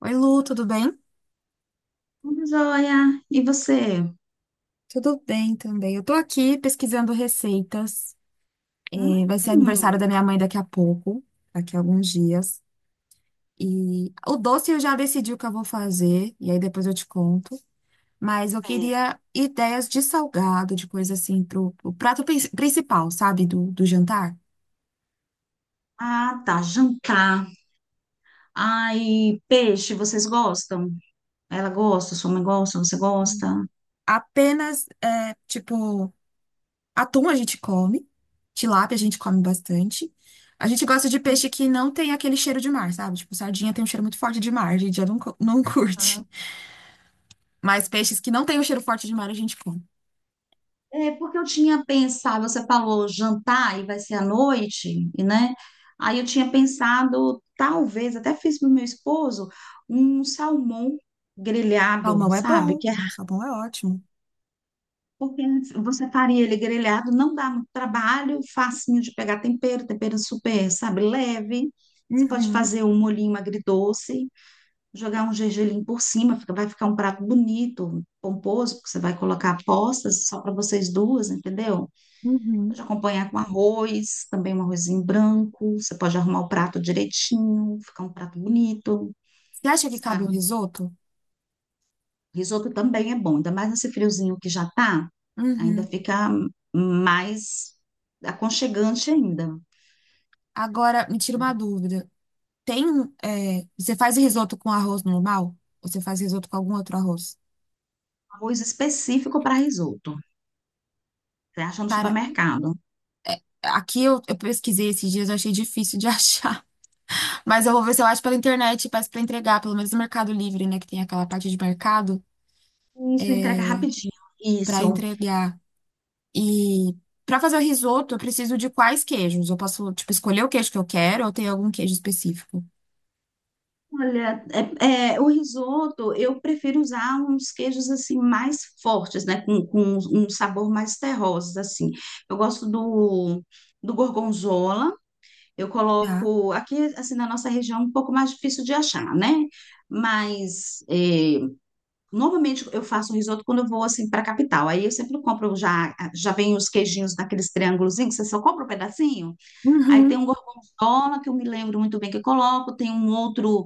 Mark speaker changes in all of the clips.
Speaker 1: Oi, Lu, tudo bem?
Speaker 2: Tudo Jóia, e você?
Speaker 1: Tudo bem também. Eu tô aqui pesquisando receitas. É, vai ser aniversário
Speaker 2: Hum.
Speaker 1: da minha mãe daqui a pouco, daqui a alguns dias. E o doce eu já decidi o que eu vou fazer, e aí depois eu te conto. Mas eu
Speaker 2: Certo.
Speaker 1: queria ideias de salgado, de coisa assim, pro prato principal, sabe? Do jantar.
Speaker 2: Ah, tá, jantar. Ai, peixe, vocês gostam? Ela gosta, sua mãe gosta, você gosta?
Speaker 1: Apenas, é, tipo. Atum a gente come, tilápia a gente come bastante. A gente gosta de peixe que não tem aquele cheiro de mar, sabe? Tipo, sardinha tem um cheiro muito forte de mar, a gente já não, não curte. Mas peixes que não tem um cheiro forte de mar a gente come.
Speaker 2: É, porque eu tinha pensado, você falou jantar e vai ser à noite, e, né? Aí eu tinha pensado, talvez, até fiz para o meu esposo, um salmão grelhado,
Speaker 1: Salmão é
Speaker 2: sabe?
Speaker 1: bom,
Speaker 2: Que é.
Speaker 1: salmão é ótimo.
Speaker 2: Porque você faria ele grelhado, não dá muito trabalho, facinho de pegar tempero, tempero super, sabe, leve. Você pode
Speaker 1: Uhum,
Speaker 2: fazer um molhinho agridoce, jogar um gergelim por cima, vai ficar um prato bonito, pomposo, porque você vai colocar apostas só para vocês duas, entendeu? Pode
Speaker 1: uhum.
Speaker 2: acompanhar com arroz, também um arrozinho branco, você pode arrumar o prato direitinho, ficar um prato bonito,
Speaker 1: Você acha que cabe um
Speaker 2: sabe?
Speaker 1: risoto?
Speaker 2: Risoto também é bom, ainda mais nesse friozinho que já tá, ainda
Speaker 1: Uhum.
Speaker 2: fica mais aconchegante ainda.
Speaker 1: Agora, me tira uma dúvida. Tem, é, você faz risoto com arroz normal? Ou você faz risoto com algum outro arroz?
Speaker 2: Arroz específico para risoto. Você acha no
Speaker 1: Cara,
Speaker 2: supermercado.
Speaker 1: aqui eu pesquisei esses dias, eu achei difícil de achar. Mas eu vou ver se eu acho pela internet, peço pra entregar, pelo menos no Mercado Livre, né? Que tem aquela parte de mercado
Speaker 2: Isso entrega rapidinho.
Speaker 1: pra
Speaker 2: Isso.
Speaker 1: entregar. E pra fazer o risoto, eu preciso de quais queijos? Eu posso, tipo, escolher o queijo que eu quero ou tem algum queijo específico?
Speaker 2: Olha, é, o risoto eu prefiro usar uns queijos assim mais fortes, né? Com um sabor mais terrosos, assim. Eu gosto do gorgonzola. Eu
Speaker 1: Tá.
Speaker 2: coloco aqui, assim, na nossa região, um pouco mais difícil de achar, né? Mas é, normalmente eu faço um risoto quando eu vou assim para a capital. Aí eu sempre compro já vem os queijinhos naqueles triângulozinhos, você só compra um pedacinho. Aí tem um
Speaker 1: Uhum.
Speaker 2: gorgonzola que eu me lembro muito bem que eu coloco, tem um outro,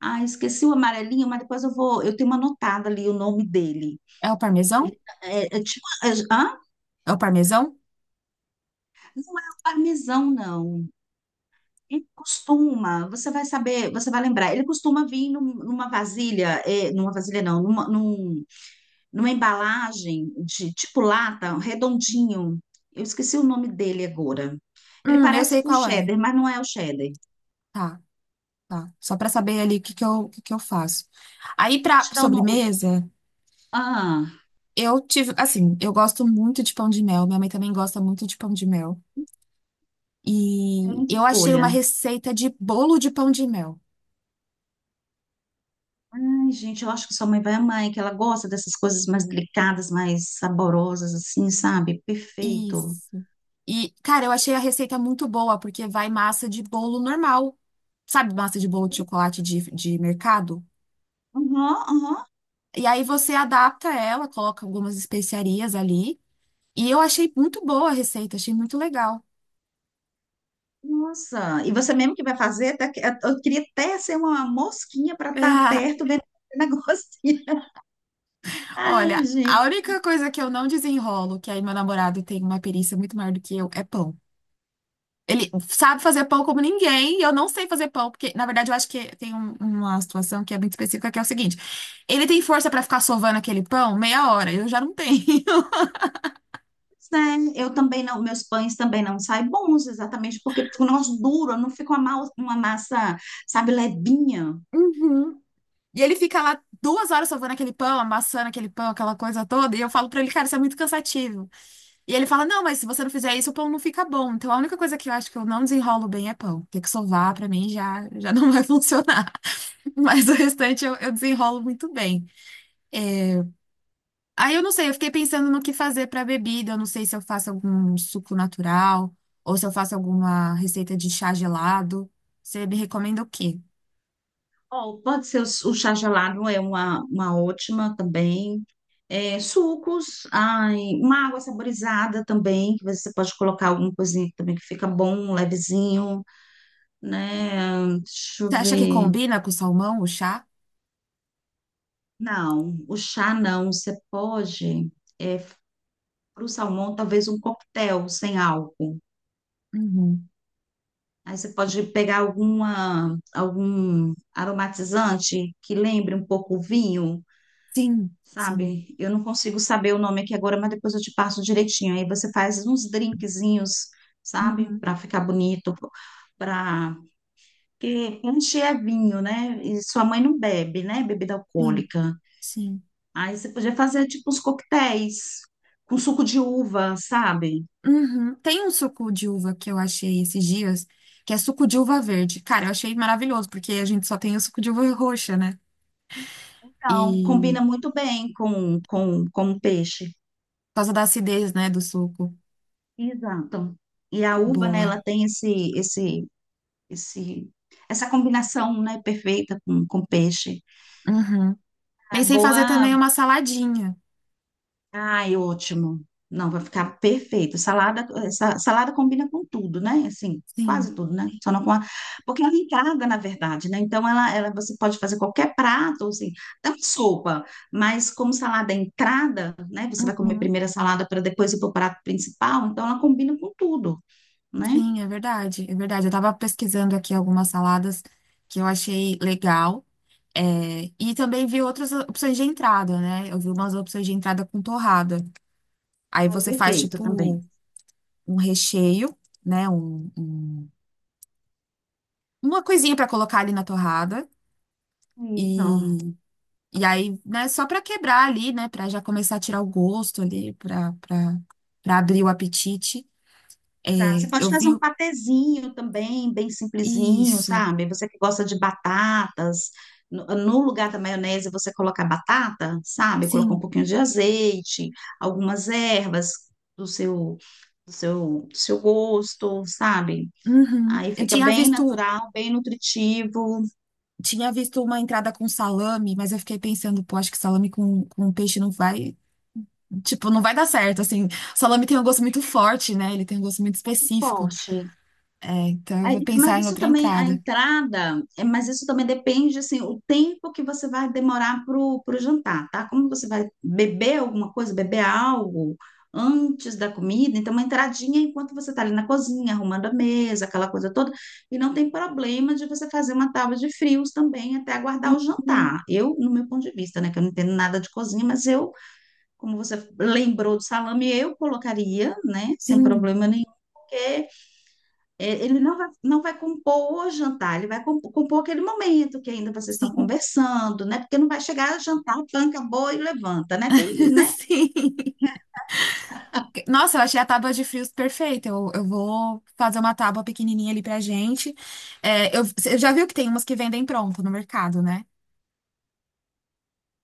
Speaker 2: ah, esqueci o amarelinho, mas depois eu vou, eu tenho anotado ali o nome dele.
Speaker 1: É o parmesão?
Speaker 2: É, tipo, é, hã?
Speaker 1: É o parmesão?
Speaker 2: Não é o parmesão, não. Ele costuma, você vai saber, você vai lembrar, ele costuma vir numa vasilha, é, numa vasilha não, numa embalagem de tipo lata, um redondinho. Eu esqueci o nome dele agora. Ele
Speaker 1: Eu
Speaker 2: parece
Speaker 1: sei
Speaker 2: com
Speaker 1: qual é.
Speaker 2: cheddar, mas não é o cheddar.
Speaker 1: Tá, tá. Só pra saber ali o que que eu faço. Aí pra
Speaker 2: Deixa eu dar o nome.
Speaker 1: sobremesa,
Speaker 2: Ah,
Speaker 1: assim, eu gosto muito de pão de mel. Minha mãe também gosta muito de pão de mel. E
Speaker 2: excelente
Speaker 1: eu achei uma
Speaker 2: escolha.
Speaker 1: receita de bolo de pão de mel.
Speaker 2: Ai, gente, eu acho que sua mãe vai amar, hein, que ela gosta dessas coisas mais delicadas, mais saborosas, assim, sabe? Perfeito.
Speaker 1: Isso. E, cara, eu achei a receita muito boa, porque vai massa de bolo normal. Sabe, massa de bolo de chocolate de mercado?
Speaker 2: Aham, aham.
Speaker 1: E aí você adapta ela, coloca algumas especiarias ali. E eu achei muito boa a receita, achei muito legal.
Speaker 2: Nossa, e você mesmo que vai fazer, eu queria até ser uma mosquinha para estar perto vendo esse negocinho.
Speaker 1: Ah,
Speaker 2: Ai,
Speaker 1: olha, a
Speaker 2: gente.
Speaker 1: única coisa que eu não desenrolo, que aí meu namorado tem uma perícia muito maior do que eu, é pão. Ele sabe fazer pão como ninguém, e eu não sei fazer pão, porque, na verdade, eu acho que tem uma situação que é muito específica, que é o seguinte: ele tem força pra ficar sovando aquele pão meia hora, eu já não tenho.
Speaker 2: Né? Eu também não, meus pães também não saem bons, exatamente porque ficam um negócio duro, não fica uma massa, sabe, levinha.
Speaker 1: Uhum. E ele fica lá 2 horas sovando aquele pão, amassando aquele pão, aquela coisa toda, e eu falo pra ele, cara, isso é muito cansativo. E ele fala: não, mas se você não fizer isso, o pão não fica bom. Então a única coisa que eu acho que eu não desenrolo bem é pão. Ter que sovar, pra mim, já, já não vai funcionar. Mas o restante eu desenrolo muito bem. Aí eu não sei, eu fiquei pensando no que fazer para bebida. Eu não sei se eu faço algum suco natural ou se eu faço alguma receita de chá gelado. Você me recomenda o quê?
Speaker 2: Ó, pode ser o chá gelado, é uma ótima também. É, sucos, ai, uma água saborizada também, que você pode colocar alguma coisinha também que fica bom, levezinho, né? Deixa eu
Speaker 1: Você acha que
Speaker 2: ver.
Speaker 1: combina com o salmão, o chá?
Speaker 2: Não, o chá não. Você pode, é, para o salmão, talvez um coquetel sem álcool.
Speaker 1: Uhum.
Speaker 2: Aí você pode pegar alguma, algum aromatizante que lembre um pouco o vinho,
Speaker 1: Sim, sim.
Speaker 2: sabe? Eu não consigo saber o nome aqui agora, mas depois eu te passo direitinho. Aí você faz uns drinkzinhos, sabe?
Speaker 1: Uhum.
Speaker 2: Para ficar bonito, para... Porque punch é vinho, né? E sua mãe não bebe, né? Bebida
Speaker 1: Sim,
Speaker 2: alcoólica.
Speaker 1: sim.
Speaker 2: Aí você podia fazer tipo uns coquetéis com suco de uva, sabe?
Speaker 1: Uhum. Tem um suco de uva que eu achei esses dias, que é suco de uva verde. Cara, eu achei maravilhoso, porque a gente só tem o suco de uva roxa, né?
Speaker 2: Então,
Speaker 1: E
Speaker 2: combina muito bem com o peixe.
Speaker 1: por causa da acidez, né, do suco.
Speaker 2: Exato. E a uva, né,
Speaker 1: Boa.
Speaker 2: ela tem esse, essa combinação, né, perfeita com peixe.
Speaker 1: Uhum.
Speaker 2: É
Speaker 1: Pensei em fazer
Speaker 2: boa.
Speaker 1: também uma saladinha.
Speaker 2: Ai, ótimo. Não, vai ficar perfeito. Salada, essa, salada combina com tudo, né? Assim, quase
Speaker 1: Sim,
Speaker 2: tudo, né? Só não com a... Porque ela encarga, na verdade, né? Então, você pode fazer qualquer prato, assim, até uma sopa. Mas como salada é entrada, né? Você vai comer
Speaker 1: uhum.
Speaker 2: primeiro a salada para depois ir para o prato principal. Então, ela combina com tudo, né?
Speaker 1: Sim, é verdade, é verdade. Eu estava pesquisando aqui algumas saladas que eu achei legal. É, e também vi outras opções de entrada, né? Eu vi umas opções de entrada com torrada. Aí
Speaker 2: Ai,
Speaker 1: você faz
Speaker 2: perfeito também.
Speaker 1: tipo um recheio, né? Uma coisinha para colocar ali na torrada.
Speaker 2: Isso.
Speaker 1: E, e aí, né? Só para quebrar ali, né? Para já começar a tirar o gosto ali, para abrir o apetite. É,
Speaker 2: Exato. Você pode
Speaker 1: eu
Speaker 2: fazer
Speaker 1: vi
Speaker 2: um patezinho também, bem simplesinho,
Speaker 1: isso.
Speaker 2: sabe? Você que gosta de batatas, no, no lugar da maionese você colocar batata, sabe? Colocar um
Speaker 1: Sim.
Speaker 2: pouquinho de azeite, algumas ervas do seu, do seu gosto, sabe?
Speaker 1: Uhum.
Speaker 2: Aí
Speaker 1: Eu
Speaker 2: fica
Speaker 1: tinha
Speaker 2: bem
Speaker 1: visto,
Speaker 2: natural, bem nutritivo,
Speaker 1: tinha visto uma entrada com salame, mas eu fiquei pensando, pô, acho que salame com peixe não vai, tipo, não vai dar certo, assim. Salame tem um gosto muito forte, né? Ele tem um gosto muito específico.
Speaker 2: forte.
Speaker 1: É, então eu vou
Speaker 2: Aí, mas
Speaker 1: pensar em
Speaker 2: isso
Speaker 1: outra
Speaker 2: também, a
Speaker 1: entrada.
Speaker 2: entrada, é, mas isso também depende, assim, o tempo que você vai demorar pro, pro jantar, tá? Como você vai beber alguma coisa, beber algo antes da comida, então uma entradinha enquanto você tá ali na cozinha, arrumando a mesa, aquela coisa toda, e não tem problema de você fazer uma tábua de frios também até aguardar o
Speaker 1: Hum,
Speaker 2: jantar. Eu, no meu ponto de vista, né, que eu não entendo nada de cozinha, mas eu, como você lembrou do salame, eu colocaria, né, sem
Speaker 1: Sim,
Speaker 2: problema nenhum, porque ele não vai compor o jantar, ele vai compor aquele momento que ainda vocês estão
Speaker 1: sim,
Speaker 2: conversando, né? Porque não vai chegar, jantar, tanca, boa e levanta, né? Tem, né?
Speaker 1: sim. Nossa, eu achei a tábua de frios perfeita. Eu vou fazer uma tábua pequenininha ali pra gente. É, você já viu que tem umas que vendem pronto no mercado, né?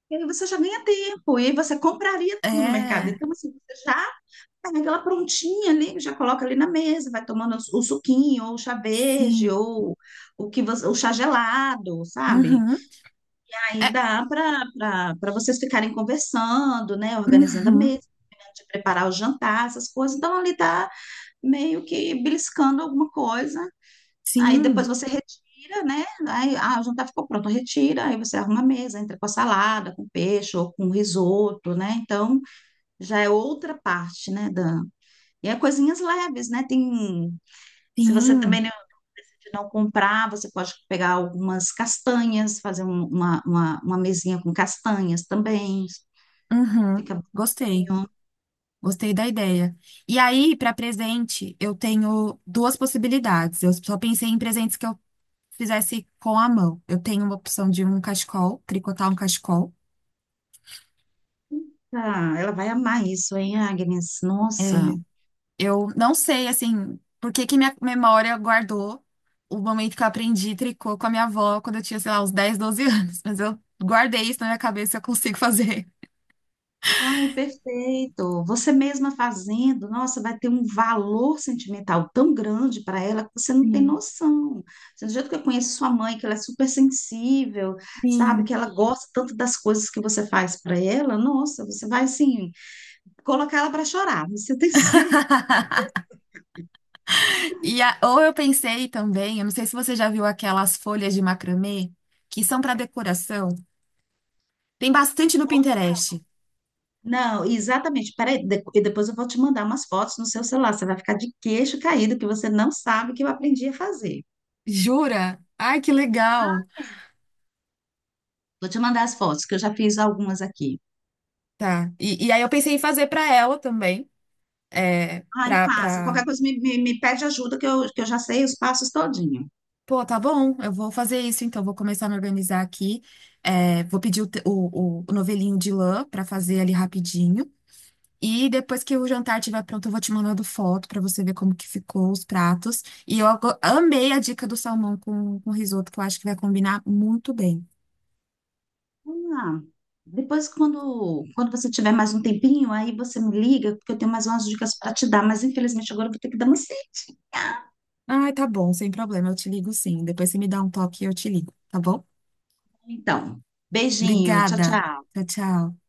Speaker 2: E aí você já ganha tempo, e aí você compraria tudo no mercado.
Speaker 1: É,
Speaker 2: Então, assim, você já pega ela prontinha ali, já coloca ali na mesa, vai tomando o suquinho, ou o chá verde,
Speaker 1: sim.
Speaker 2: ou o que você, o chá gelado, sabe?
Speaker 1: Uhum.
Speaker 2: Aí
Speaker 1: É,
Speaker 2: dá para vocês ficarem conversando, né? Organizando a
Speaker 1: uhum.
Speaker 2: mesa, de preparar o jantar, essas coisas. Então, ali tá meio que beliscando alguma coisa. Aí
Speaker 1: Sim,
Speaker 2: depois você retira, né? Aí ah, o jantar ficou pronto, retira, aí você arruma a mesa, entra com a salada, com peixe ou com risoto, né? Então já é outra parte, né, Dan? E é coisinhas leves, né? Tem, se você
Speaker 1: sim.
Speaker 2: também não decidir não comprar, você pode pegar algumas castanhas, fazer uma mesinha com castanhas também.
Speaker 1: Uhum.
Speaker 2: Fica
Speaker 1: Gostei.
Speaker 2: bonitinho.
Speaker 1: Gostei da ideia. E aí, para presente, eu tenho duas possibilidades. Eu só pensei em presentes que eu fizesse com a mão. Eu tenho uma opção de um cachecol, tricotar um cachecol.
Speaker 2: Ah, ela vai amar isso, hein, Agnes? Nossa.
Speaker 1: Eu não sei, assim, por que que minha memória guardou o momento que eu aprendi tricô com a minha avó quando eu tinha, sei lá, uns 10, 12 anos. Mas eu guardei isso na minha cabeça, e eu consigo fazer.
Speaker 2: Ai, perfeito. Você mesma fazendo, nossa, vai ter um valor sentimental tão grande para ela que você não tem
Speaker 1: Sim,
Speaker 2: noção. Assim, do jeito que eu conheço sua mãe, que ela é super sensível, sabe?
Speaker 1: sim.
Speaker 2: Que ela gosta tanto das coisas que você faz para ela, nossa, você vai assim, colocar ela para chorar, você tem certeza.
Speaker 1: E ou eu pensei também, eu não sei se você já viu aquelas folhas de macramê que são para decoração. Tem bastante no Pinterest.
Speaker 2: Não, exatamente. Peraí, e depois eu vou te mandar umas fotos no seu celular. Você vai ficar de queixo caído, que você não sabe o que eu aprendi a fazer.
Speaker 1: Jura? Ai, que legal.
Speaker 2: Vou te mandar as fotos, que eu já fiz algumas aqui.
Speaker 1: Tá. E aí eu pensei em fazer para ela também, é,
Speaker 2: Ai,
Speaker 1: para
Speaker 2: faça.
Speaker 1: para
Speaker 2: Qualquer coisa me pede ajuda que eu já sei os passos todinho.
Speaker 1: Pô, tá bom, eu vou fazer isso, então vou começar a me organizar aqui. É, vou pedir o, te- o novelinho de lã para fazer ali rapidinho. E depois que o jantar estiver pronto, eu vou te mandando foto pra você ver como que ficou os pratos. E eu amei a dica do salmão com risoto, que eu acho que vai combinar muito bem.
Speaker 2: Ah, depois, quando você tiver mais um tempinho, aí você me liga, porque eu tenho mais umas dicas para te dar, mas infelizmente agora eu vou ter que dar uma saída.
Speaker 1: Ai, tá bom, sem problema, eu te ligo sim. Depois você me dá um toque e eu te ligo, tá bom?
Speaker 2: Então, beijinho, tchau,
Speaker 1: Obrigada.
Speaker 2: tchau.
Speaker 1: Tchau, tchau.